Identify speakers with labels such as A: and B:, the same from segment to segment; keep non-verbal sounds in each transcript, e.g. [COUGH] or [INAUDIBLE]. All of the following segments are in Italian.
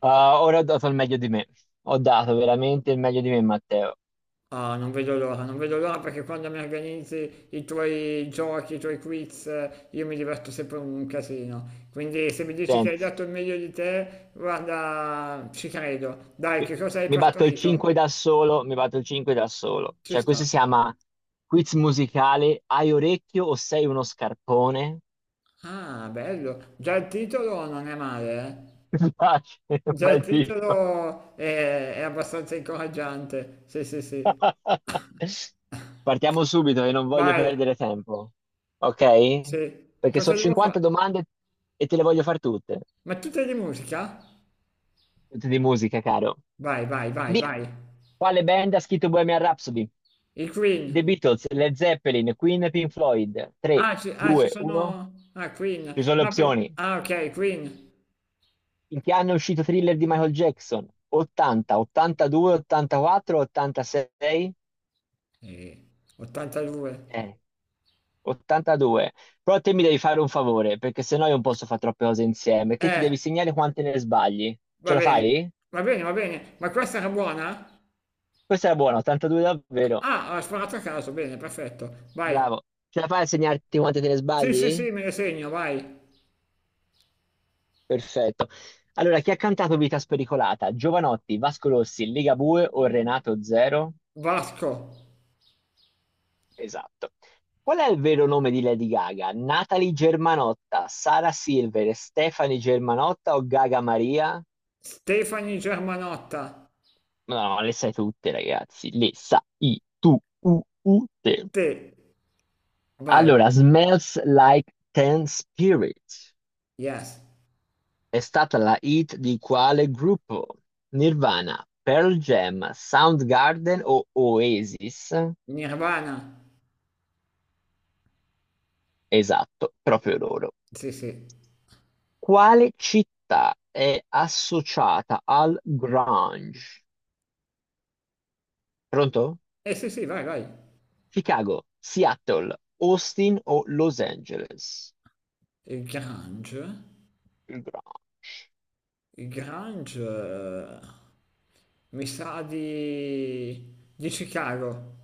A: Ah, ora ho dato il meglio di me. Ho dato veramente il meglio di me, Matteo.
B: Ah, non vedo l'ora, non vedo l'ora perché quando mi organizzi i tuoi giochi, i tuoi quiz, io mi diverto sempre un casino. Quindi se mi dici che hai
A: Senti,
B: dato il meglio di te, guarda, ci credo. Dai,
A: mi
B: che cosa hai
A: mi batto il 5
B: partorito?
A: da solo, mi batto il 5 da solo.
B: Ci
A: Cioè,
B: sta.
A: questo si chiama quiz musicale. Hai orecchio o sei uno scarpone?
B: Ah, bello. Già il titolo non è male, eh?
A: [LAUGHS] Mi piace,
B: Già il
A: bel titolo.
B: titolo è abbastanza incoraggiante. Sì, sì, sì. [LAUGHS]
A: [LAUGHS] Partiamo subito, che non voglio
B: Vai,
A: perdere tempo. Ok?
B: sì.
A: Perché
B: Cosa
A: sono
B: devo
A: 50
B: fare?
A: domande e te le voglio far tutte.
B: Ma tu te di musica?
A: Tutte di musica, caro.
B: Vai, vai, vai,
A: Via.
B: vai.
A: Quale band ha scritto Bohemian Rhapsody?
B: Il
A: The
B: Queen.
A: Beatles, Led Zeppelin, Queen, Pink Floyd. 3,
B: Ah, ci
A: 2, 1.
B: sono. Ah, Queen.
A: Ci sono le
B: No,
A: opzioni.
B: Ah, ok, Queen.
A: In che anno è uscito Thriller di Michael Jackson? 80, 82, 84, 86?
B: Eh, 82.
A: Eh, 82. Però te mi devi fare un favore, perché sennò io non posso fare troppe cose insieme. Te ti
B: Eh,
A: devi segnare quante ne sbagli.
B: va
A: Ce la
B: bene.
A: fai?
B: Va bene, va bene. Ma questa era buona?
A: Questa era buona, 82 davvero.
B: Ah, ha sparato a caso. Bene, perfetto. Vai.
A: Bravo. Ce la fai a segnarti quante te ne
B: Sì, sì,
A: sbagli?
B: sì, me le segno, vai.
A: Perfetto. Allora, chi ha cantato Vita Spericolata? Giovanotti, Vasco Rossi, Ligabue o Renato Zero?
B: Vasco.
A: Esatto. Qual è il vero nome di Lady Gaga? Natalie Germanotta, Sara Silver, Stefani Germanotta o Gaga Maria?
B: Stefani Germanotta.
A: No, no, le sai tutte, ragazzi. Le sai tu, u, u, te.
B: Te. Vai.
A: Allora, Smells Like Teen Spirit
B: Yes.
A: è stata la hit di quale gruppo? Nirvana, Pearl Jam, Soundgarden o Oasis?
B: Nirvana.
A: Esatto, proprio loro.
B: Sì, sì.
A: Quale città è associata al grunge? Pronto?
B: Sì, sì, vai, vai.
A: Chicago, Seattle, Austin o Los Angeles?
B: Il Grange?
A: Il grunge.
B: Il Grange. Mi sa di Chicago.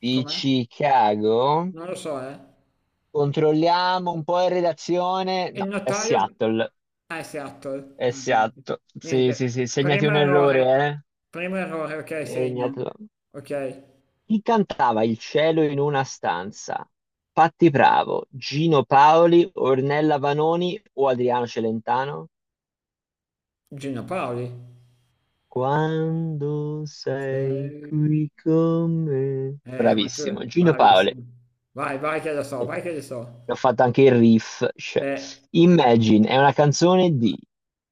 A: Di
B: Com'è?
A: Chicago?
B: Non lo so, eh.
A: Controlliamo un po' in redazione.
B: Il
A: No, è
B: notaio.
A: Seattle.
B: Ah, è Seattle.
A: È
B: Ah, niente.
A: Seattle. Sì,
B: Niente.
A: sì, sì, segnati
B: Primo
A: un
B: errore.
A: errore,
B: Primo errore, ok,
A: eh?
B: segno.
A: Segnatelo.
B: Ok.
A: Chi cantava Il cielo in una stanza? Patti Bravo, Gino Paoli, Ornella Vanoni o Adriano Celentano?
B: Gino Paoli.
A: Quando sei
B: Sei-
A: qui con me.
B: Ma tu.
A: Bravissimo, Gino Paoli.
B: Bravissimo. Vai, vai che lo so,
A: Eh,
B: vai che lo so.
A: Ho fatto anche il riff, cioè.
B: Eh,
A: Imagine è una canzone di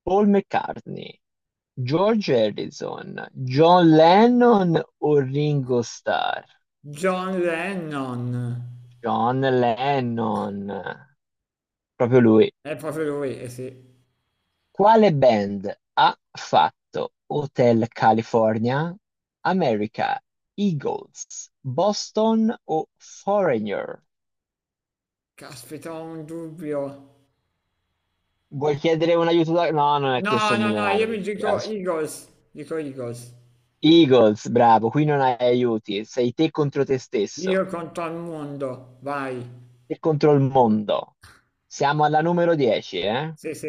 A: Paul McCartney, George Harrison, John Lennon o Ringo Starr?
B: John Lennon.
A: John Lennon, proprio lui.
B: È proprio lui, eh sì.
A: Quale band ha fatto Hotel California, America, Eagles, Boston o Foreigner?
B: Caspita, ho un dubbio.
A: Vuoi chiedere un aiuto? No, non è
B: No,
A: questo il
B: no, no, io
A: milionario, mi
B: mi dico
A: dispiace.
B: Eagles. Dico Eagles.
A: Eagles, bravo, qui non hai aiuti, sei te contro te stesso,
B: Io conto al mondo, vai.
A: te contro il mondo. Siamo alla numero 10, eh?
B: Sì, sì,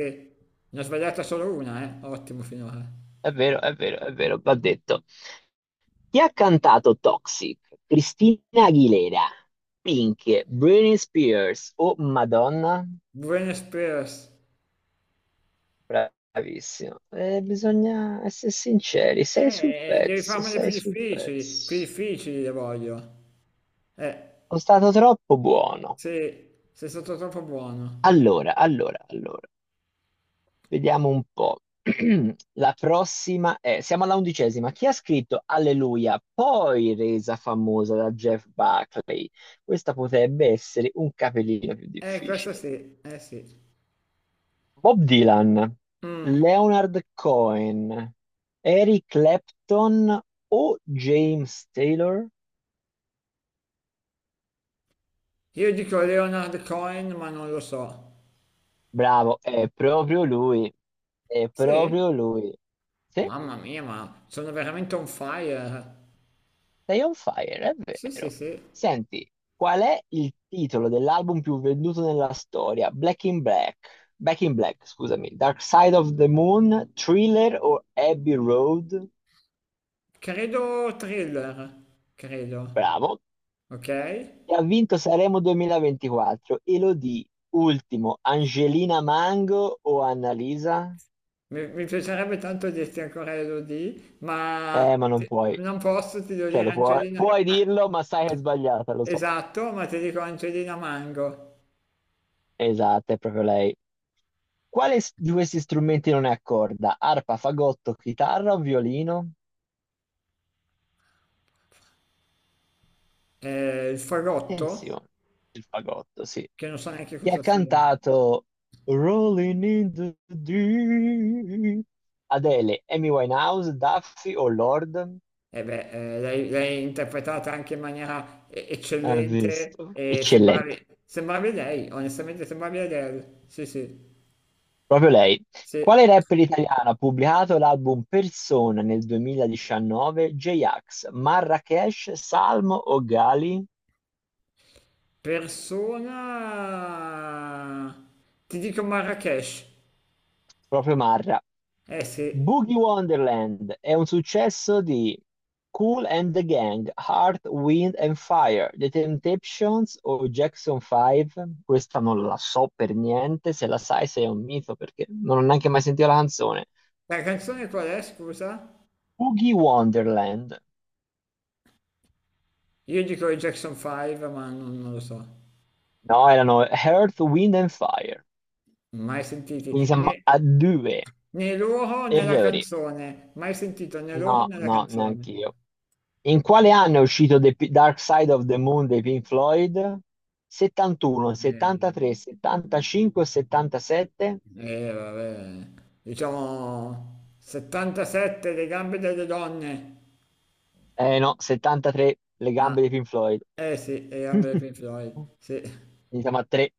B: ne ho sbagliata solo una, eh. Ottimo finora.
A: È vero, è vero, è vero, va detto. Chi ha cantato Toxic? Cristina Aguilera, Pink, Britney Spears o Madonna?
B: Buenos Aires.
A: Bravissimo. Bisogna essere sinceri, sei sul
B: Devi
A: pezzo,
B: farmele
A: sei sul
B: più
A: pezzo.
B: difficili le voglio. Eh,
A: Sono stato troppo buono.
B: sì, sei stato troppo buono.
A: Allora, allora, allora, vediamo un po'. [CLEARS THROAT] La prossima è, siamo alla 11ª. Chi ha scritto Alleluia, poi resa famosa da Jeff Buckley? Questa potrebbe essere un capellino più
B: Questo
A: difficile.
B: sì, eh sì.
A: Bob Dylan,
B: Mm,
A: Leonard Cohen, Eric Clapton o James Taylor?
B: Io dico Leonard Cohen, ma non lo so.
A: Bravo, è proprio lui, è
B: Sì?
A: proprio lui. Sì,
B: Mamma mia, ma sono veramente on fire.
A: sei on fire, è
B: Sì, sì,
A: vero.
B: sì.
A: Senti, qual è il titolo dell'album più venduto nella storia? Black in Black, Back in Black, scusami, Dark Side of the Moon, Thriller o Abbey Road?
B: Credo thriller, credo.
A: Bravo.
B: Ok?
A: E ha vinto Sanremo 2024, Elodie, ultimo, Angelina Mango o Annalisa?
B: Mi piacerebbe tanto dirti ancora Elodie, ma
A: Ma non puoi,
B: non posso, ti devo
A: cioè
B: dire
A: lo puoi,
B: Angelina.
A: puoi
B: Ah,
A: dirlo, ma sai che è sbagliata, lo so.
B: esatto, ma ti dico Angelina Mango.
A: Esatto, è proprio lei. Quale di questi strumenti non è a corda? Arpa, fagotto, chitarra o violino?
B: Il fagotto,
A: Attenzione, il fagotto, sì.
B: che non so neanche
A: Chi ha
B: cosa sia.
A: cantato Rolling in the Deep? Adele, Amy Winehouse, Duffy o Lord?
B: E beh, l'hai interpretata anche in maniera
A: Hai
B: eccellente
A: visto?
B: e
A: Eccellente,
B: sembravi lei, onestamente sembravi Adele. Sì, sì,
A: proprio lei.
B: sì.
A: Quale rapper italiano ha pubblicato l'album Persona nel 2019? J-Ax, Marrakesh, Salmo o Gali?
B: Persona. Ti dico Marrakesh.
A: Proprio Marra.
B: Eh sì.
A: Boogie Wonderland è un successo di Kool and the Gang, Heart, Wind and Fire, The Temptations o Jackson 5. Questa non la so per niente, se la sai sei un mito perché non ho neanche mai sentito la canzone.
B: La canzone qual è, scusa?
A: Boogie Wonderland.
B: Io dico i Jackson 5, ma non lo so.
A: No, erano Heart, Wind and Fire.
B: Mai
A: Quindi
B: sentiti
A: siamo
B: né,
A: a due.
B: né loro né la
A: Errori.
B: canzone. Mai sentito né loro
A: No,
B: né la
A: no,
B: canzone.
A: neanche io. In quale anno è uscito Dark Side of the Moon dei Pink Floyd? 71,
B: Eh,
A: 73, 75, 77?
B: vabbè. Diciamo 77, le gambe delle donne.
A: Eh no, 73, le
B: Ah,
A: gambe dei Pink Floyd.
B: eh sì, le gambe dei
A: [LAUGHS]
B: Pink Floyd. Sì.
A: Iniziamo a 3.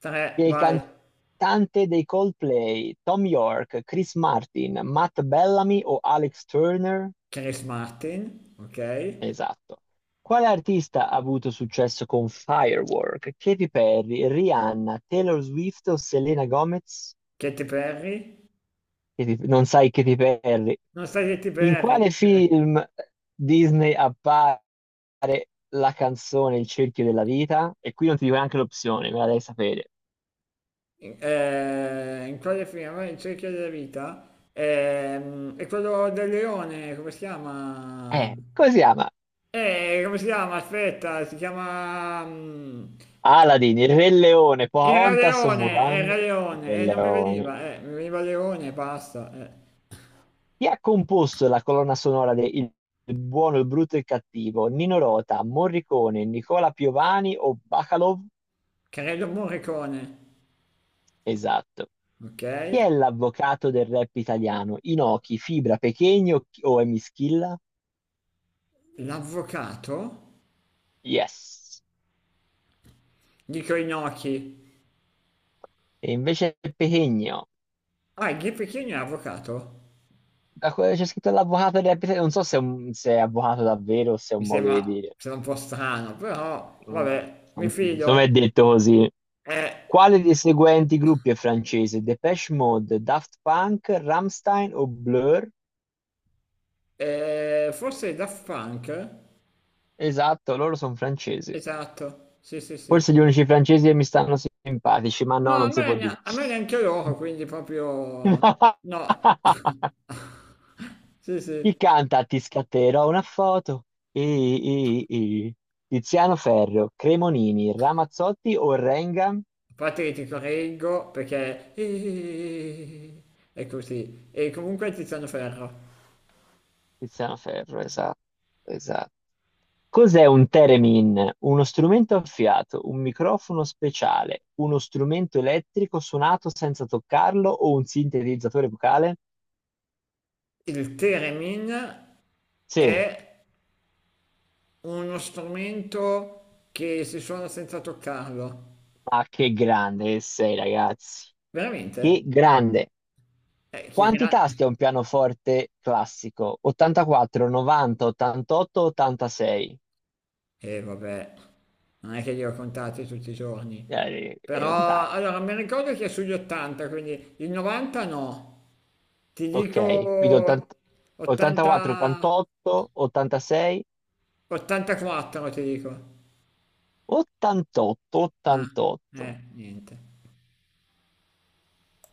B: 3,
A: Chi è il
B: vai.
A: cantante dei Coldplay? Tom York, Chris Martin, Matt Bellamy o Alex Turner?
B: Chris Martin, ok.
A: Esatto. Quale artista ha avuto successo con Firework? Katy Perry, Rihanna, Taylor Swift o Selena Gomez?
B: Katy Perry.
A: Non sai che ti perdi.
B: Non sai Katy
A: In
B: Perry.
A: quale film Disney appare la canzone Il cerchio della vita? E qui non ti dico neanche l'opzione, me la devi sapere.
B: In quale film? In cerchio della vita? È quello del leone, come si chiama?
A: Come si chiama?
B: Come si chiama? Aspetta, si chiama.
A: Aladdin, Il Re Leone, Pocahontas o Mulan?
B: Era
A: Il Re
B: leone, e non mi
A: Leone.
B: veniva, mi veniva leone e basta.
A: Chi ha composto la colonna sonora di Il buono, il brutto e il cattivo? Nino Rota, Morricone, Nicola Piovani o Bacalov?
B: Credo Morricone,
A: Esatto.
B: ok?
A: Chi è l'avvocato del rap italiano? Inoki, Fibra, Pechegno o Emischilla?
B: L'avvocato?
A: Yes.
B: Dico Inoki.
A: E invece Pechegno.
B: Ah, il Pechino è avvocato?
A: Da quello che c'è scritto l'avvocato del rap italiano, non so se è, se è avvocato davvero o se è
B: Mi
A: un modo
B: sembra,
A: di
B: mi
A: dire.
B: sembra un po' strano, però
A: Mm,
B: vabbè, mi
A: anch'io. Insomma, è
B: fido.
A: detto così.
B: Eh,
A: Quale dei seguenti gruppi è francese? Depeche Mode, Daft Punk, Rammstein o Blur?
B: Forse Daft Punk?
A: Esatto, loro sono francesi.
B: Esatto, sì, sì, sì.
A: Forse gli unici francesi che mi stanno simpatici, ma
B: No,
A: no,
B: a
A: non
B: me,
A: si può
B: ne-
A: dire.
B: a me neanche loro, quindi proprio. No.
A: [LAUGHS]
B: [LAUGHS] Sì, sì.
A: Chi
B: A
A: canta Ti scatterò una foto? I, i, i. Tiziano Ferro, Cremonini, Ramazzotti o Renga?
B: parte che ti correggo perché. [LAUGHS] È così. E comunque Tiziano Ferro.
A: Tiziano Ferro, esatto, esatto. Cos'è un theremin? Uno strumento a fiato, un microfono speciale, uno strumento elettrico suonato senza toccarlo o un sintetizzatore vocale?
B: Il Teremin è
A: Sì,
B: uno strumento che si suona senza toccarlo.
A: ma che grande che sei, ragazzi.
B: Veramente?
A: Che grande.
B: Eh, che
A: Quanti
B: gra-
A: tasti ha un pianoforte classico? 84, 90, 88, 86.
B: Vabbè, non è che li ho contati tutti i giorni. Però
A: Dai.
B: allora mi ricordo che è sugli 80, quindi il 90 no. Ti
A: Ok, quindi
B: dico
A: 80, 84,
B: 80,
A: 88, 86,
B: 84, ti dico.
A: 88,
B: Ah,
A: 88.
B: niente.